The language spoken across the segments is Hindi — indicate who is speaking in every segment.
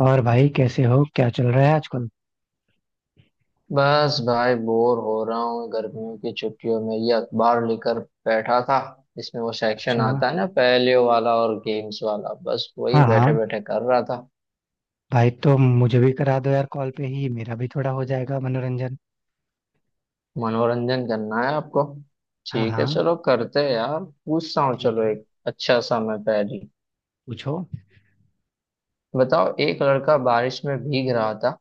Speaker 1: और भाई कैसे हो, क्या चल रहा है आजकल।
Speaker 2: बस भाई बोर हो रहा हूँ, गर्मियों की छुट्टियों में ये अखबार लेकर बैठा था। इसमें वो सेक्शन
Speaker 1: अच्छा।
Speaker 2: आता है ना, पहेलियों वाला और गेम्स वाला, बस वही
Speaker 1: हाँ
Speaker 2: बैठे
Speaker 1: हाँ।
Speaker 2: बैठे कर रहा था।
Speaker 1: भाई तो मुझे भी करा दो यार, कॉल पे ही मेरा भी थोड़ा हो जाएगा मनोरंजन।
Speaker 2: मनोरंजन करना है आपको?
Speaker 1: हाँ
Speaker 2: ठीक है,
Speaker 1: हाँ।
Speaker 2: चलो करते हैं यार, पूछता हूँ।
Speaker 1: ठीक
Speaker 2: चलो
Speaker 1: है।
Speaker 2: एक अच्छा सा मैं पहेली
Speaker 1: पूछो।
Speaker 2: बताओ। एक लड़का बारिश में भीग रहा था।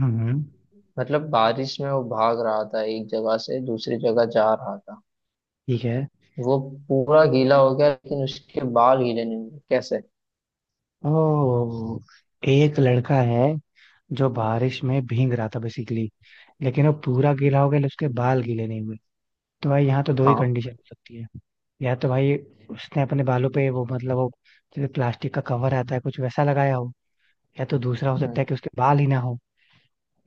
Speaker 1: हम्म।
Speaker 2: मतलब बारिश में वो भाग रहा था, एक जगह से दूसरी जगह जा रहा था।
Speaker 1: ठीक है।
Speaker 2: वो पूरा गीला हो गया लेकिन उसके बाल गीले नहीं हुए। कैसे?
Speaker 1: ओ, एक लड़का है जो बारिश में भीग रहा था बेसिकली, लेकिन वो पूरा गीला हो गया लेकिन उसके बाल गीले नहीं हुए। तो भाई यहाँ तो दो ही
Speaker 2: हाँ।
Speaker 1: कंडीशन हो सकती है। या तो भाई उसने अपने बालों पे वो जैसे प्लास्टिक का कवर आता है, कुछ वैसा लगाया हो। या तो दूसरा हो सकता
Speaker 2: हम्म।
Speaker 1: है कि उसके बाल ही ना हो।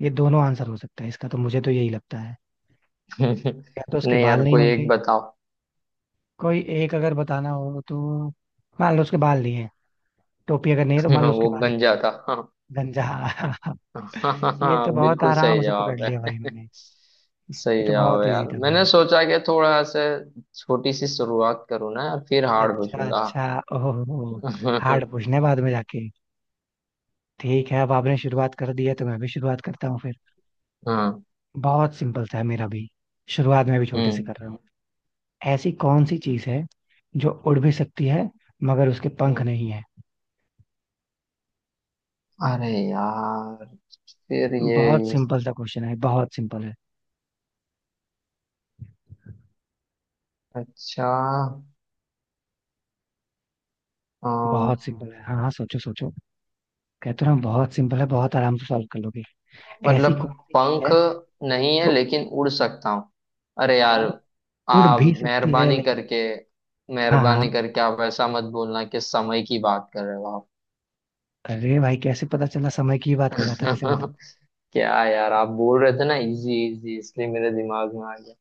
Speaker 1: ये दोनों आंसर हो सकता है इसका, तो मुझे तो यही लगता है। या तो उसके
Speaker 2: नहीं
Speaker 1: बाल
Speaker 2: यार,
Speaker 1: नहीं
Speaker 2: कोई एक
Speaker 1: होंगे।
Speaker 2: बताओ।
Speaker 1: कोई एक अगर बताना हो तो मान लो उसके बाल नहीं है। टोपी अगर नहीं है तो मान लो उसके
Speaker 2: वो
Speaker 1: बाल ही नहीं
Speaker 2: गंजा
Speaker 1: है।
Speaker 2: था।
Speaker 1: गंजा। ये तो
Speaker 2: हाँ,
Speaker 1: बहुत
Speaker 2: बिल्कुल
Speaker 1: आराम
Speaker 2: सही
Speaker 1: से पकड़
Speaker 2: जवाब
Speaker 1: लिया भाई
Speaker 2: है।
Speaker 1: मैंने। ये
Speaker 2: सही
Speaker 1: तो
Speaker 2: जवाब
Speaker 1: बहुत
Speaker 2: है
Speaker 1: इजी
Speaker 2: यार,
Speaker 1: था भाई।
Speaker 2: मैंने सोचा कि थोड़ा से छोटी सी शुरुआत करूँ ना यार, फिर हार्ड
Speaker 1: अच्छा
Speaker 2: पूछूंगा।
Speaker 1: अच्छा। ओहो। हार्ड पूछने बाद में जाके। ठीक है, अब आपने शुरुआत कर दी है तो मैं भी शुरुआत करता हूँ फिर।
Speaker 2: हाँ।
Speaker 1: बहुत सिंपल सा है मेरा भी। शुरुआत में भी छोटे से
Speaker 2: हम्म
Speaker 1: कर रहा हूँ। ऐसी कौन सी चीज है जो उड़ भी सकती है मगर उसके पंख
Speaker 2: हम्म।
Speaker 1: नहीं है।
Speaker 2: अरे यार, फिर ये।
Speaker 1: बहुत सिंपल सा क्वेश्चन है, बहुत सिंपल है।
Speaker 2: अच्छा। अ,
Speaker 1: बहुत सिंपल है, हाँ हाँ, सोचो सोचो। कहते हो ना बहुत सिंपल है, बहुत आराम से सॉल्व कर लोगे। ऐसी
Speaker 2: मतलब
Speaker 1: कौन सी चीज
Speaker 2: पंख
Speaker 1: है
Speaker 2: नहीं है
Speaker 1: जो
Speaker 2: लेकिन उड़ सकता हूँ। अरे यार,
Speaker 1: उड़
Speaker 2: आप
Speaker 1: भी सकती है
Speaker 2: मेहरबानी
Speaker 1: लेकिन।
Speaker 2: करके,
Speaker 1: हाँ
Speaker 2: मेहरबानी
Speaker 1: हाँ।
Speaker 2: करके आप ऐसा मत बोलना कि समय की बात कर रहे हो आप।
Speaker 1: अरे भाई, कैसे पता चला, समय की ही बात कर रहा था वैसे मैं तो।
Speaker 2: क्या यार, आप बोल रहे थे ना इजी इजी, इसलिए मेरे दिमाग में आ गया।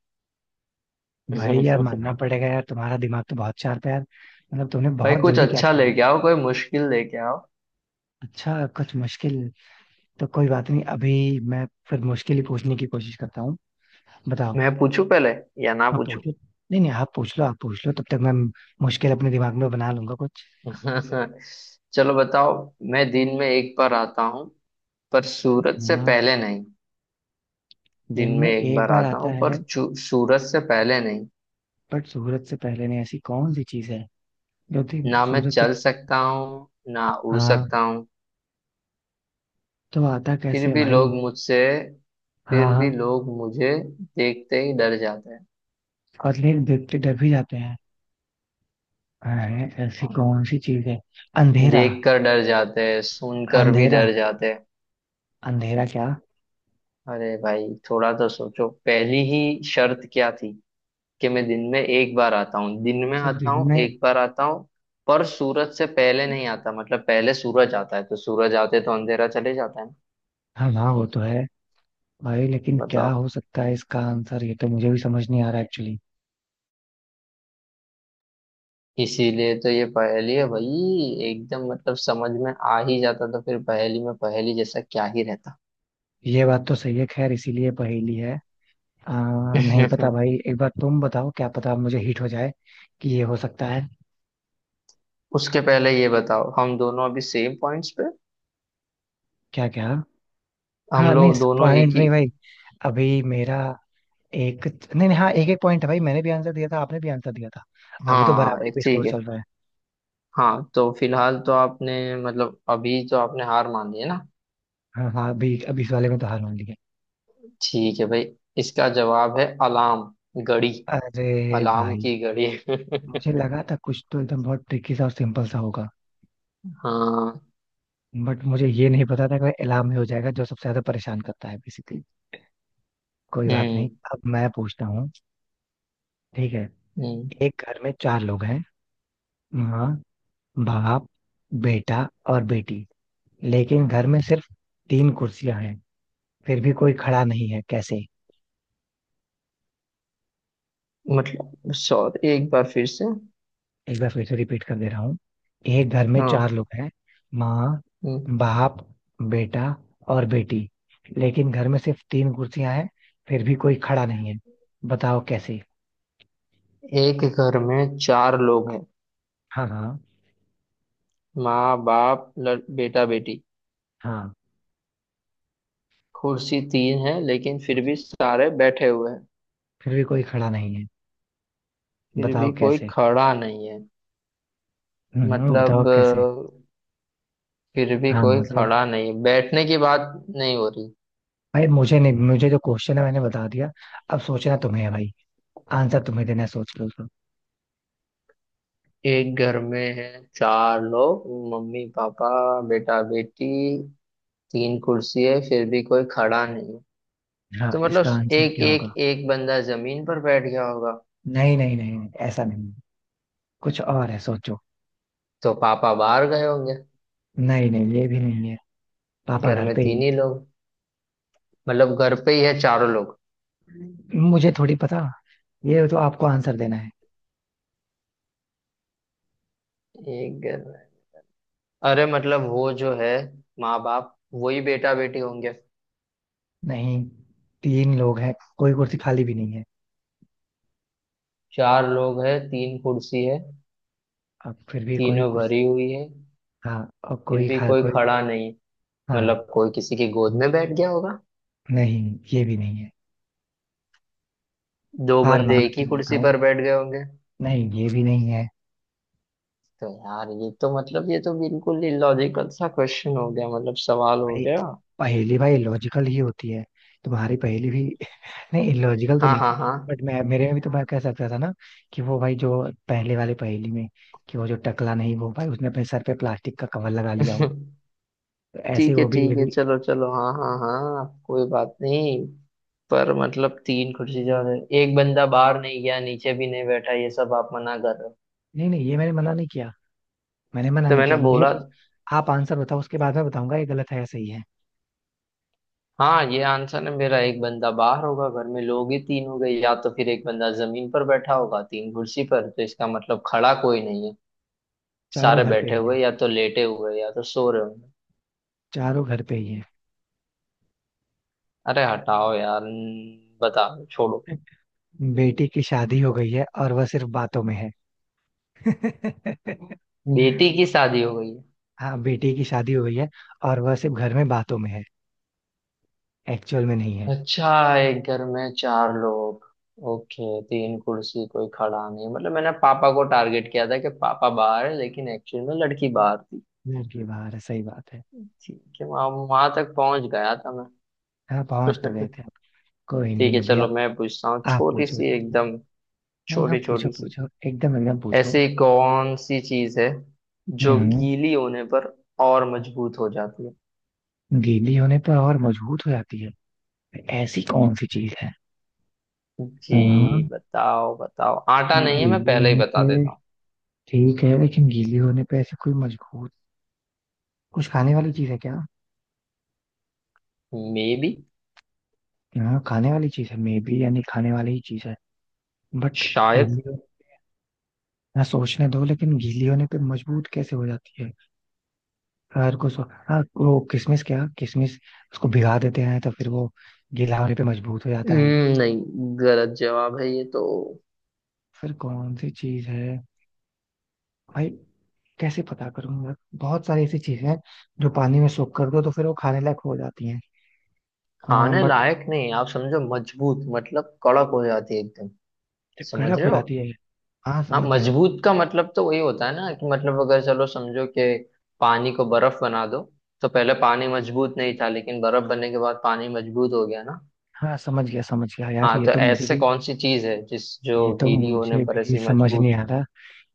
Speaker 1: भाई यार मानना पड़ेगा यार, तुम्हारा दिमाग तो बहुत शार्प है यार, मतलब तुमने
Speaker 2: भाई
Speaker 1: बहुत
Speaker 2: कुछ
Speaker 1: जल्दी कैच
Speaker 2: अच्छा
Speaker 1: कर लिया।
Speaker 2: लेके आओ, कोई मुश्किल लेके आओ।
Speaker 1: अच्छा, कुछ मुश्किल तो कोई बात नहीं, अभी मैं फिर मुश्किल ही पूछने की कोशिश करता हूँ। बताओ।
Speaker 2: मैं पूछूं पहले या ना
Speaker 1: आप
Speaker 2: पूछूं?
Speaker 1: पूछो, नहीं नहीं, आप पूछ लो, आप पूछ लो, तब तक मैं मुश्किल अपने दिमाग में बना लूंगा कुछ।
Speaker 2: चलो बताओ। मैं दिन में एक बार आता हूँ, पर सूरज से
Speaker 1: हाँ।
Speaker 2: पहले नहीं। दिन
Speaker 1: दिन
Speaker 2: में
Speaker 1: में
Speaker 2: एक
Speaker 1: एक
Speaker 2: बार
Speaker 1: बार
Speaker 2: आता
Speaker 1: आता
Speaker 2: हूँ, पर
Speaker 1: है
Speaker 2: सूरज से पहले नहीं।
Speaker 1: बट सूरज से पहले नहीं, ऐसी कौन सी चीज है, क्योंकि
Speaker 2: ना मैं
Speaker 1: सूरज से।
Speaker 2: चल सकता हूँ, ना उड़
Speaker 1: हाँ।
Speaker 2: सकता हूँ।
Speaker 1: तो आता
Speaker 2: फिर
Speaker 1: कैसे है
Speaker 2: भी
Speaker 1: भाई।
Speaker 2: लोग मुझसे
Speaker 1: हाँ
Speaker 2: फिर भी
Speaker 1: हाँ।
Speaker 2: लोग मुझे देखते ही डर जाते हैं।
Speaker 1: और लेकिन देखते डर भी जाते हैं। अरे, ऐसी
Speaker 2: हाँ,
Speaker 1: कौन सी चीज है। अंधेरा।
Speaker 2: देखकर डर जाते हैं, सुनकर भी
Speaker 1: अंधेरा।
Speaker 2: डर जाते हैं।
Speaker 1: अंधेरा क्या।
Speaker 2: अरे भाई, थोड़ा तो सोचो। पहली ही शर्त क्या थी कि मैं दिन में एक बार आता हूँ, दिन में
Speaker 1: सर
Speaker 2: आता
Speaker 1: दिन
Speaker 2: हूँ,
Speaker 1: में।
Speaker 2: एक बार आता हूँ, पर सूरज से पहले नहीं आता। मतलब पहले सूरज आता है, तो सूरज आते तो अंधेरा चले जाता है
Speaker 1: हाँ हाँ वो तो है। भाई लेकिन
Speaker 2: ना।
Speaker 1: क्या
Speaker 2: बताओ।
Speaker 1: हो सकता है इसका आंसर, ये तो मुझे भी समझ नहीं आ रहा एक्चुअली।
Speaker 2: इसीलिए तो ये पहेली है भाई। एकदम मतलब समझ में आ ही जाता तो फिर पहेली में पहेली जैसा क्या ही रहता।
Speaker 1: ये बात तो सही है, खैर इसीलिए पहेली है। नहीं पता भाई, एक बार तुम बताओ, क्या पता मुझे हिट हो जाए कि ये हो सकता है।
Speaker 2: उसके पहले ये बताओ, हम दोनों अभी सेम पॉइंट्स पे,
Speaker 1: क्या क्या।
Speaker 2: हम
Speaker 1: हाँ नहीं।
Speaker 2: लोग दोनों एक
Speaker 1: पॉइंट
Speaker 2: ही।
Speaker 1: नहीं भाई अभी। मेरा एक। नहीं नहीं, हाँ एक एक पॉइंट है भाई, मैंने भी आंसर दिया था, आपने भी आंसर दिया था। अभी तो
Speaker 2: हाँ
Speaker 1: बराबरी
Speaker 2: ये
Speaker 1: पे
Speaker 2: ठीक
Speaker 1: स्कोर
Speaker 2: है।
Speaker 1: चल रहा है।
Speaker 2: हाँ, तो फिलहाल तो आपने, मतलब अभी तो आपने हार मान ली है ना?
Speaker 1: हाँ हाँ, अभी अभी इस वाले में तो हार मान ली है।
Speaker 2: ठीक है भाई, इसका जवाब है अलार्म घड़ी।
Speaker 1: अरे
Speaker 2: अलार्म
Speaker 1: भाई।
Speaker 2: की घड़ी।
Speaker 1: मुझे लगा था कुछ तो एकदम बहुत ट्रिकी सा और सिंपल सा होगा।
Speaker 2: हाँ।
Speaker 1: बट मुझे ये नहीं पता था कि इलाम ही हो जाएगा जो सबसे ज्यादा परेशान करता है बेसिकली। कोई बात नहीं।
Speaker 2: हम्म
Speaker 1: अब मैं पूछता हूँ। ठीक है।
Speaker 2: हम्म।
Speaker 1: एक घर में चार लोग हैं। माँ, बाप, बेटा और बेटी। लेकिन घर में सिर्फ तीन कुर्सियां हैं। फिर भी कोई खड़ा नहीं है, कैसे।
Speaker 2: मतलब सॉरी, एक बार फिर से।
Speaker 1: एक बार फिर से रिपीट कर दे रहा हूँ। एक घर में चार
Speaker 2: हाँ।
Speaker 1: लोग हैं। माँ,
Speaker 2: हम्म।
Speaker 1: बाप, बेटा और बेटी। लेकिन घर में सिर्फ तीन कुर्सियां हैं। फिर भी कोई खड़ा नहीं है, बताओ कैसे।
Speaker 2: एक घर में चार लोग हैं।
Speaker 1: हाँ हाँ।
Speaker 2: माँ, बाप, बेटा, बेटी।
Speaker 1: हाँ।
Speaker 2: कुर्सी तीन है लेकिन फिर भी सारे बैठे हुए हैं।
Speaker 1: फिर भी कोई खड़ा नहीं है।
Speaker 2: फिर
Speaker 1: बताओ
Speaker 2: भी कोई
Speaker 1: कैसे।
Speaker 2: खड़ा नहीं है।
Speaker 1: बताओ
Speaker 2: मतलब
Speaker 1: कैसे।
Speaker 2: फिर भी
Speaker 1: हाँ,
Speaker 2: कोई
Speaker 1: मतलब
Speaker 2: खड़ा नहीं है, बैठने की बात नहीं हो रही।
Speaker 1: भाई, मुझे नहीं, मुझे जो क्वेश्चन है मैंने बता दिया। अब सोचना तुम्हें है भाई। आंसर तुम्हें देना है, सोच लो उसको।
Speaker 2: एक घर में है चार लोग, मम्मी पापा, बेटा बेटी। तीन कुर्सी है, फिर भी कोई खड़ा नहीं है।
Speaker 1: हाँ,
Speaker 2: तो
Speaker 1: इसका
Speaker 2: मतलब
Speaker 1: आंसर
Speaker 2: एक
Speaker 1: क्या होगा।
Speaker 2: एक एक बंदा जमीन पर बैठ गया होगा।
Speaker 1: नहीं नहीं नहीं नहीं, ऐसा नहीं, कुछ और है, सोचो।
Speaker 2: तो पापा बाहर गए होंगे।
Speaker 1: नहीं नहीं ये भी नहीं है, पापा
Speaker 2: घर
Speaker 1: घर
Speaker 2: में
Speaker 1: पे
Speaker 2: तीन
Speaker 1: ही
Speaker 2: ही लोग, मतलब घर पे ही है चारों लोग।
Speaker 1: है। मुझे थोड़ी पता, ये तो आपको आंसर देना है।
Speaker 2: एक घर में, अरे मतलब वो जो है, माँ बाप वही बेटा बेटी होंगे।
Speaker 1: नहीं, तीन लोग हैं, कोई कुर्सी खाली भी नहीं है।
Speaker 2: चार लोग हैं, तीन कुर्सी है,
Speaker 1: अब फिर भी कोई
Speaker 2: तीनों
Speaker 1: कुर्सी।
Speaker 2: भरी हुई है,
Speaker 1: हाँ। और
Speaker 2: फिर
Speaker 1: कोई
Speaker 2: भी
Speaker 1: खा
Speaker 2: कोई
Speaker 1: कोई।
Speaker 2: खड़ा नहीं।
Speaker 1: हाँ।
Speaker 2: मतलब कोई किसी की गोद में बैठ गया होगा।
Speaker 1: नहीं ये भी नहीं है।
Speaker 2: दो
Speaker 1: हार
Speaker 2: बंदे
Speaker 1: माना,
Speaker 2: एक ही
Speaker 1: तुम
Speaker 2: कुर्सी
Speaker 1: बताऊं।
Speaker 2: पर बैठ गए होंगे।
Speaker 1: नहीं ये भी नहीं है।
Speaker 2: तो यार, ये तो मतलब, ये तो बिल्कुल ही लॉजिकल सा क्वेश्चन हो गया, मतलब सवाल हो
Speaker 1: भाई,
Speaker 2: गया।
Speaker 1: पहेली भाई लॉजिकल ही होती है। तुम्हारी पहेली भी नहीं लॉजिकल तो
Speaker 2: हाँ
Speaker 1: नहीं थी।
Speaker 2: हाँ हाँ।
Speaker 1: बट मैं, मेरे में भी तो मैं कह सकता था ना कि वो भाई जो पहले वाले पहेली में, कि वो जो टकला नहीं, वो भाई उसने अपने सर पे प्लास्टिक का कवर लगा लिया हो। तो ऐसे ही
Speaker 2: ठीक है,
Speaker 1: वो भी, ये
Speaker 2: ठीक है,
Speaker 1: भी।
Speaker 2: चलो चलो, हाँ हाँ हाँ, कोई बात नहीं। पर मतलब तीन कुर्सी ज्यादा है। एक बंदा बाहर नहीं गया, नीचे भी नहीं बैठा, ये सब आप मना कर रहे हो।
Speaker 1: नहीं नहीं, ये मैंने मना नहीं किया, मैंने मना
Speaker 2: तो
Speaker 1: नहीं
Speaker 2: मैंने
Speaker 1: किया, मुझे
Speaker 2: बोला,
Speaker 1: बस। आप आंसर बताओ, उसके बाद मैं बताऊंगा ये गलत है या सही है।
Speaker 2: हाँ, ये आंसर है मेरा। एक बंदा बाहर होगा, घर में लोग ही तीन हो गए, या तो फिर एक बंदा जमीन पर बैठा होगा, तीन कुर्सी पर, तो इसका मतलब खड़ा कोई नहीं है।
Speaker 1: चारों
Speaker 2: सारे
Speaker 1: घर पे
Speaker 2: बैठे
Speaker 1: ही
Speaker 2: हुए,
Speaker 1: है।
Speaker 2: या तो लेटे हुए, या तो सो रहे होंगे।
Speaker 1: चारों घर पे ही है।
Speaker 2: अरे हटाओ यार, बताओ, छोड़ो।
Speaker 1: बेटी की शादी हो गई है और वह सिर्फ बातों में है।
Speaker 2: बेटी की शादी हो गई?
Speaker 1: हाँ, बेटी की शादी हो गई है, और वह सिर्फ घर में बातों में है, एक्चुअल में नहीं है।
Speaker 2: अच्छा। एक घर में चार लोग, ओके, तीन कुर्सी, कोई खड़ा नहीं। मतलब मैंने पापा को टारगेट किया था कि पापा बाहर है, लेकिन एक्चुअली में लड़की बाहर थी।
Speaker 1: घर के बाहर है, सही बात है।
Speaker 2: ठीक है, वहां, वहां तक पहुंच गया था मैं।
Speaker 1: हाँ, पहुंच तो गए थे आप। कोई
Speaker 2: ठीक
Speaker 1: नहीं,
Speaker 2: है,
Speaker 1: अभी
Speaker 2: चलो,
Speaker 1: आप।
Speaker 2: मैं पूछता हूँ
Speaker 1: आप
Speaker 2: छोटी
Speaker 1: पूछो,
Speaker 2: सी
Speaker 1: ठीक है।
Speaker 2: एकदम।
Speaker 1: हाँ हाँ,
Speaker 2: छोटी
Speaker 1: पूछो
Speaker 2: छोटी सी।
Speaker 1: पूछो, एकदम एकदम पूछो।
Speaker 2: ऐसी कौन सी चीज है जो
Speaker 1: हम्म।
Speaker 2: गीली होने पर और मजबूत हो जाती है?
Speaker 1: गीली होने पर और मजबूत हो जाती है, ऐसी कौन सी चीज है।
Speaker 2: जी
Speaker 1: हाँ,
Speaker 2: बताओ बताओ, आटा
Speaker 1: ये
Speaker 2: नहीं है, मैं
Speaker 1: गीली
Speaker 2: पहले ही
Speaker 1: होने
Speaker 2: बता
Speaker 1: पे
Speaker 2: देता।
Speaker 1: ठीक है, लेकिन गीली होने पे ऐसी कोई मजबूत, कुछ खाने वाली चीज है क्या।
Speaker 2: हूँ, मे बी।
Speaker 1: हाँ, खाने वाली चीज है मे बी, यानी खाने वाली ही चीज है बट
Speaker 2: शायद।
Speaker 1: गीली हो-, हाँ सोचने दो, लेकिन गीली होने पे मजबूत कैसे हो जाती है। हर को सो, हाँ वो किशमिश, क्या किशमिश, उसको भिगा देते हैं तो फिर वो गीला होने पे मजबूत हो जाता है।
Speaker 2: नहीं, गलत जवाब है ये तो।
Speaker 1: फिर कौन सी चीज है भाई, कैसे पता करूंगा, बहुत सारी ऐसी चीजें हैं जो पानी में सोख कर दो तो फिर वो खाने लायक हो जाती हैं। हाँ
Speaker 2: खाने
Speaker 1: बट
Speaker 2: लायक नहीं है, आप समझो मजबूत मतलब कड़क हो जाती है एकदम।
Speaker 1: जब
Speaker 2: समझ
Speaker 1: कड़क
Speaker 2: रहे
Speaker 1: हो
Speaker 2: हो?
Speaker 1: जाती है। हाँ
Speaker 2: हाँ,
Speaker 1: समझ गया।
Speaker 2: मजबूत का मतलब तो वही होता है ना कि, मतलब अगर चलो समझो कि पानी को बर्फ बना दो, तो पहले पानी मजबूत नहीं था, लेकिन बर्फ बनने के बाद पानी मजबूत हो गया ना।
Speaker 1: हाँ समझ गया, समझ गया यार,
Speaker 2: हाँ,
Speaker 1: ये
Speaker 2: तो
Speaker 1: तो मुझे
Speaker 2: ऐसे
Speaker 1: भी।
Speaker 2: कौन सी चीज है जिस जो
Speaker 1: ये तो
Speaker 2: गीली होने
Speaker 1: मुझे
Speaker 2: पर
Speaker 1: भी
Speaker 2: ऐसी
Speaker 1: समझ
Speaker 2: मजबूत?
Speaker 1: नहीं आ रहा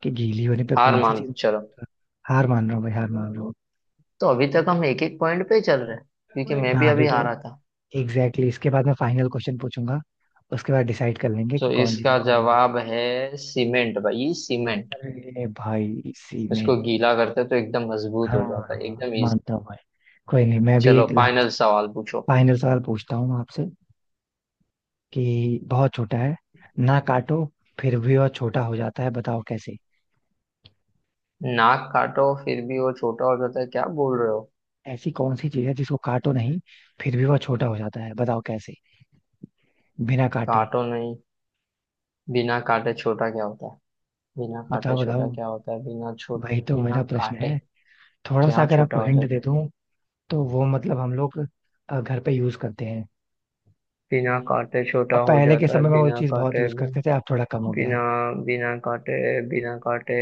Speaker 1: कि गीली होने पे
Speaker 2: हार
Speaker 1: कौन सी
Speaker 2: मान लो,
Speaker 1: चीज।
Speaker 2: चलो।
Speaker 1: हार मान रहा हूँ भाई, हार मान रहा हूँ।
Speaker 2: तो अभी तक हम एक एक पॉइंट पे ही चल रहे हैं, क्योंकि मैं
Speaker 1: हाँ
Speaker 2: भी
Speaker 1: अभी
Speaker 2: अभी
Speaker 1: तो
Speaker 2: हारा था।
Speaker 1: एग्जैक्टली exactly, इसके बाद मैं फाइनल क्वेश्चन पूछूंगा, उसके बाद डिसाइड कर लेंगे कि
Speaker 2: तो
Speaker 1: कौन जीता
Speaker 2: इसका
Speaker 1: कौन हारा।
Speaker 2: जवाब है सीमेंट भाई, सीमेंट।
Speaker 1: अरे भाई इसी में
Speaker 2: इसको
Speaker 1: ही।
Speaker 2: गीला करते तो एकदम मजबूत
Speaker 1: हाँ
Speaker 2: हो जाता है,
Speaker 1: हाँ,
Speaker 2: एकदम इजी।
Speaker 1: मानता हूँ भाई। कोई नहीं, मैं भी
Speaker 2: चलो
Speaker 1: एक
Speaker 2: फाइनल
Speaker 1: लास्ट।
Speaker 2: सवाल पूछो।
Speaker 1: फाइनल सवाल पूछता हूँ आपसे कि बहुत छोटा है, ना काटो फिर भी वह छोटा हो जाता है, बताओ कैसे।
Speaker 2: नाक काटो फिर भी वो छोटा हो जाता है? क्या बोल रहे हो?
Speaker 1: ऐसी कौन सी चीज है जिसको काटो नहीं, फिर भी वह छोटा हो जाता है, बताओ कैसे। बिना काटे।
Speaker 2: काटो नहीं, बिना काटे छोटा क्या होता है? बिना काटे
Speaker 1: बताओ बताओ,
Speaker 2: छोटा क्या होता है?
Speaker 1: वही तो
Speaker 2: बिना
Speaker 1: मेरा प्रश्न
Speaker 2: काटे
Speaker 1: है। थोड़ा सा
Speaker 2: क्या
Speaker 1: अगर
Speaker 2: छोटा
Speaker 1: आपको
Speaker 2: होता है?
Speaker 1: हिंट दे दूं, तो वो मतलब हम लोग घर पे यूज करते हैं।
Speaker 2: बिना काटे छोटा
Speaker 1: अब
Speaker 2: हो
Speaker 1: पहले के
Speaker 2: जाता है।
Speaker 1: समय में वो
Speaker 2: बिना
Speaker 1: चीज बहुत
Speaker 2: काटे,
Speaker 1: यूज करते थे, अब थोड़ा कम हो गया
Speaker 2: बिना
Speaker 1: है।
Speaker 2: बिना काटे, बिना काटे।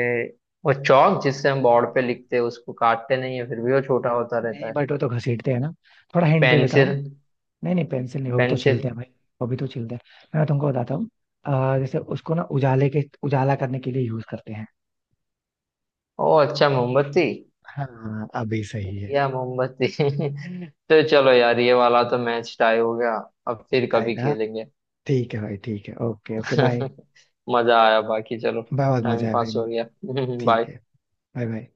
Speaker 2: वो चौक जिससे हम बोर्ड पे लिखते हैं, उसको काटते नहीं है, फिर भी वो छोटा होता रहता
Speaker 1: नहीं
Speaker 2: है।
Speaker 1: बट वो तो घसीटते हैं ना, थोड़ा हिंट दे देता
Speaker 2: पेंसिल।
Speaker 1: हूँ। नहीं नहीं पेंसिल नहीं, वो भी तो
Speaker 2: पेंसिल।
Speaker 1: छीलते हैं भाई। वो भी तो छीलते हैं, मैं तुमको बताता हूँ। जैसे उसको ना उजाले के, उजाला करने के लिए यूज करते हैं।
Speaker 2: ओ अच्छा, मोमबत्ती।
Speaker 1: हाँ अभी सही है।
Speaker 2: दिया, मोमबत्ती। तो चलो यार, ये वाला तो मैच टाई हो गया। अब फिर कभी
Speaker 1: बताएगा।
Speaker 2: खेलेंगे।
Speaker 1: ठीक है भाई, ठीक है, ओके ओके, बाय।
Speaker 2: मजा आया, बाकी चलो।
Speaker 1: बहुत मजा
Speaker 2: टाइम
Speaker 1: है भाई।
Speaker 2: पास हो गया।
Speaker 1: ठीक
Speaker 2: बाय।
Speaker 1: है। Bye bye.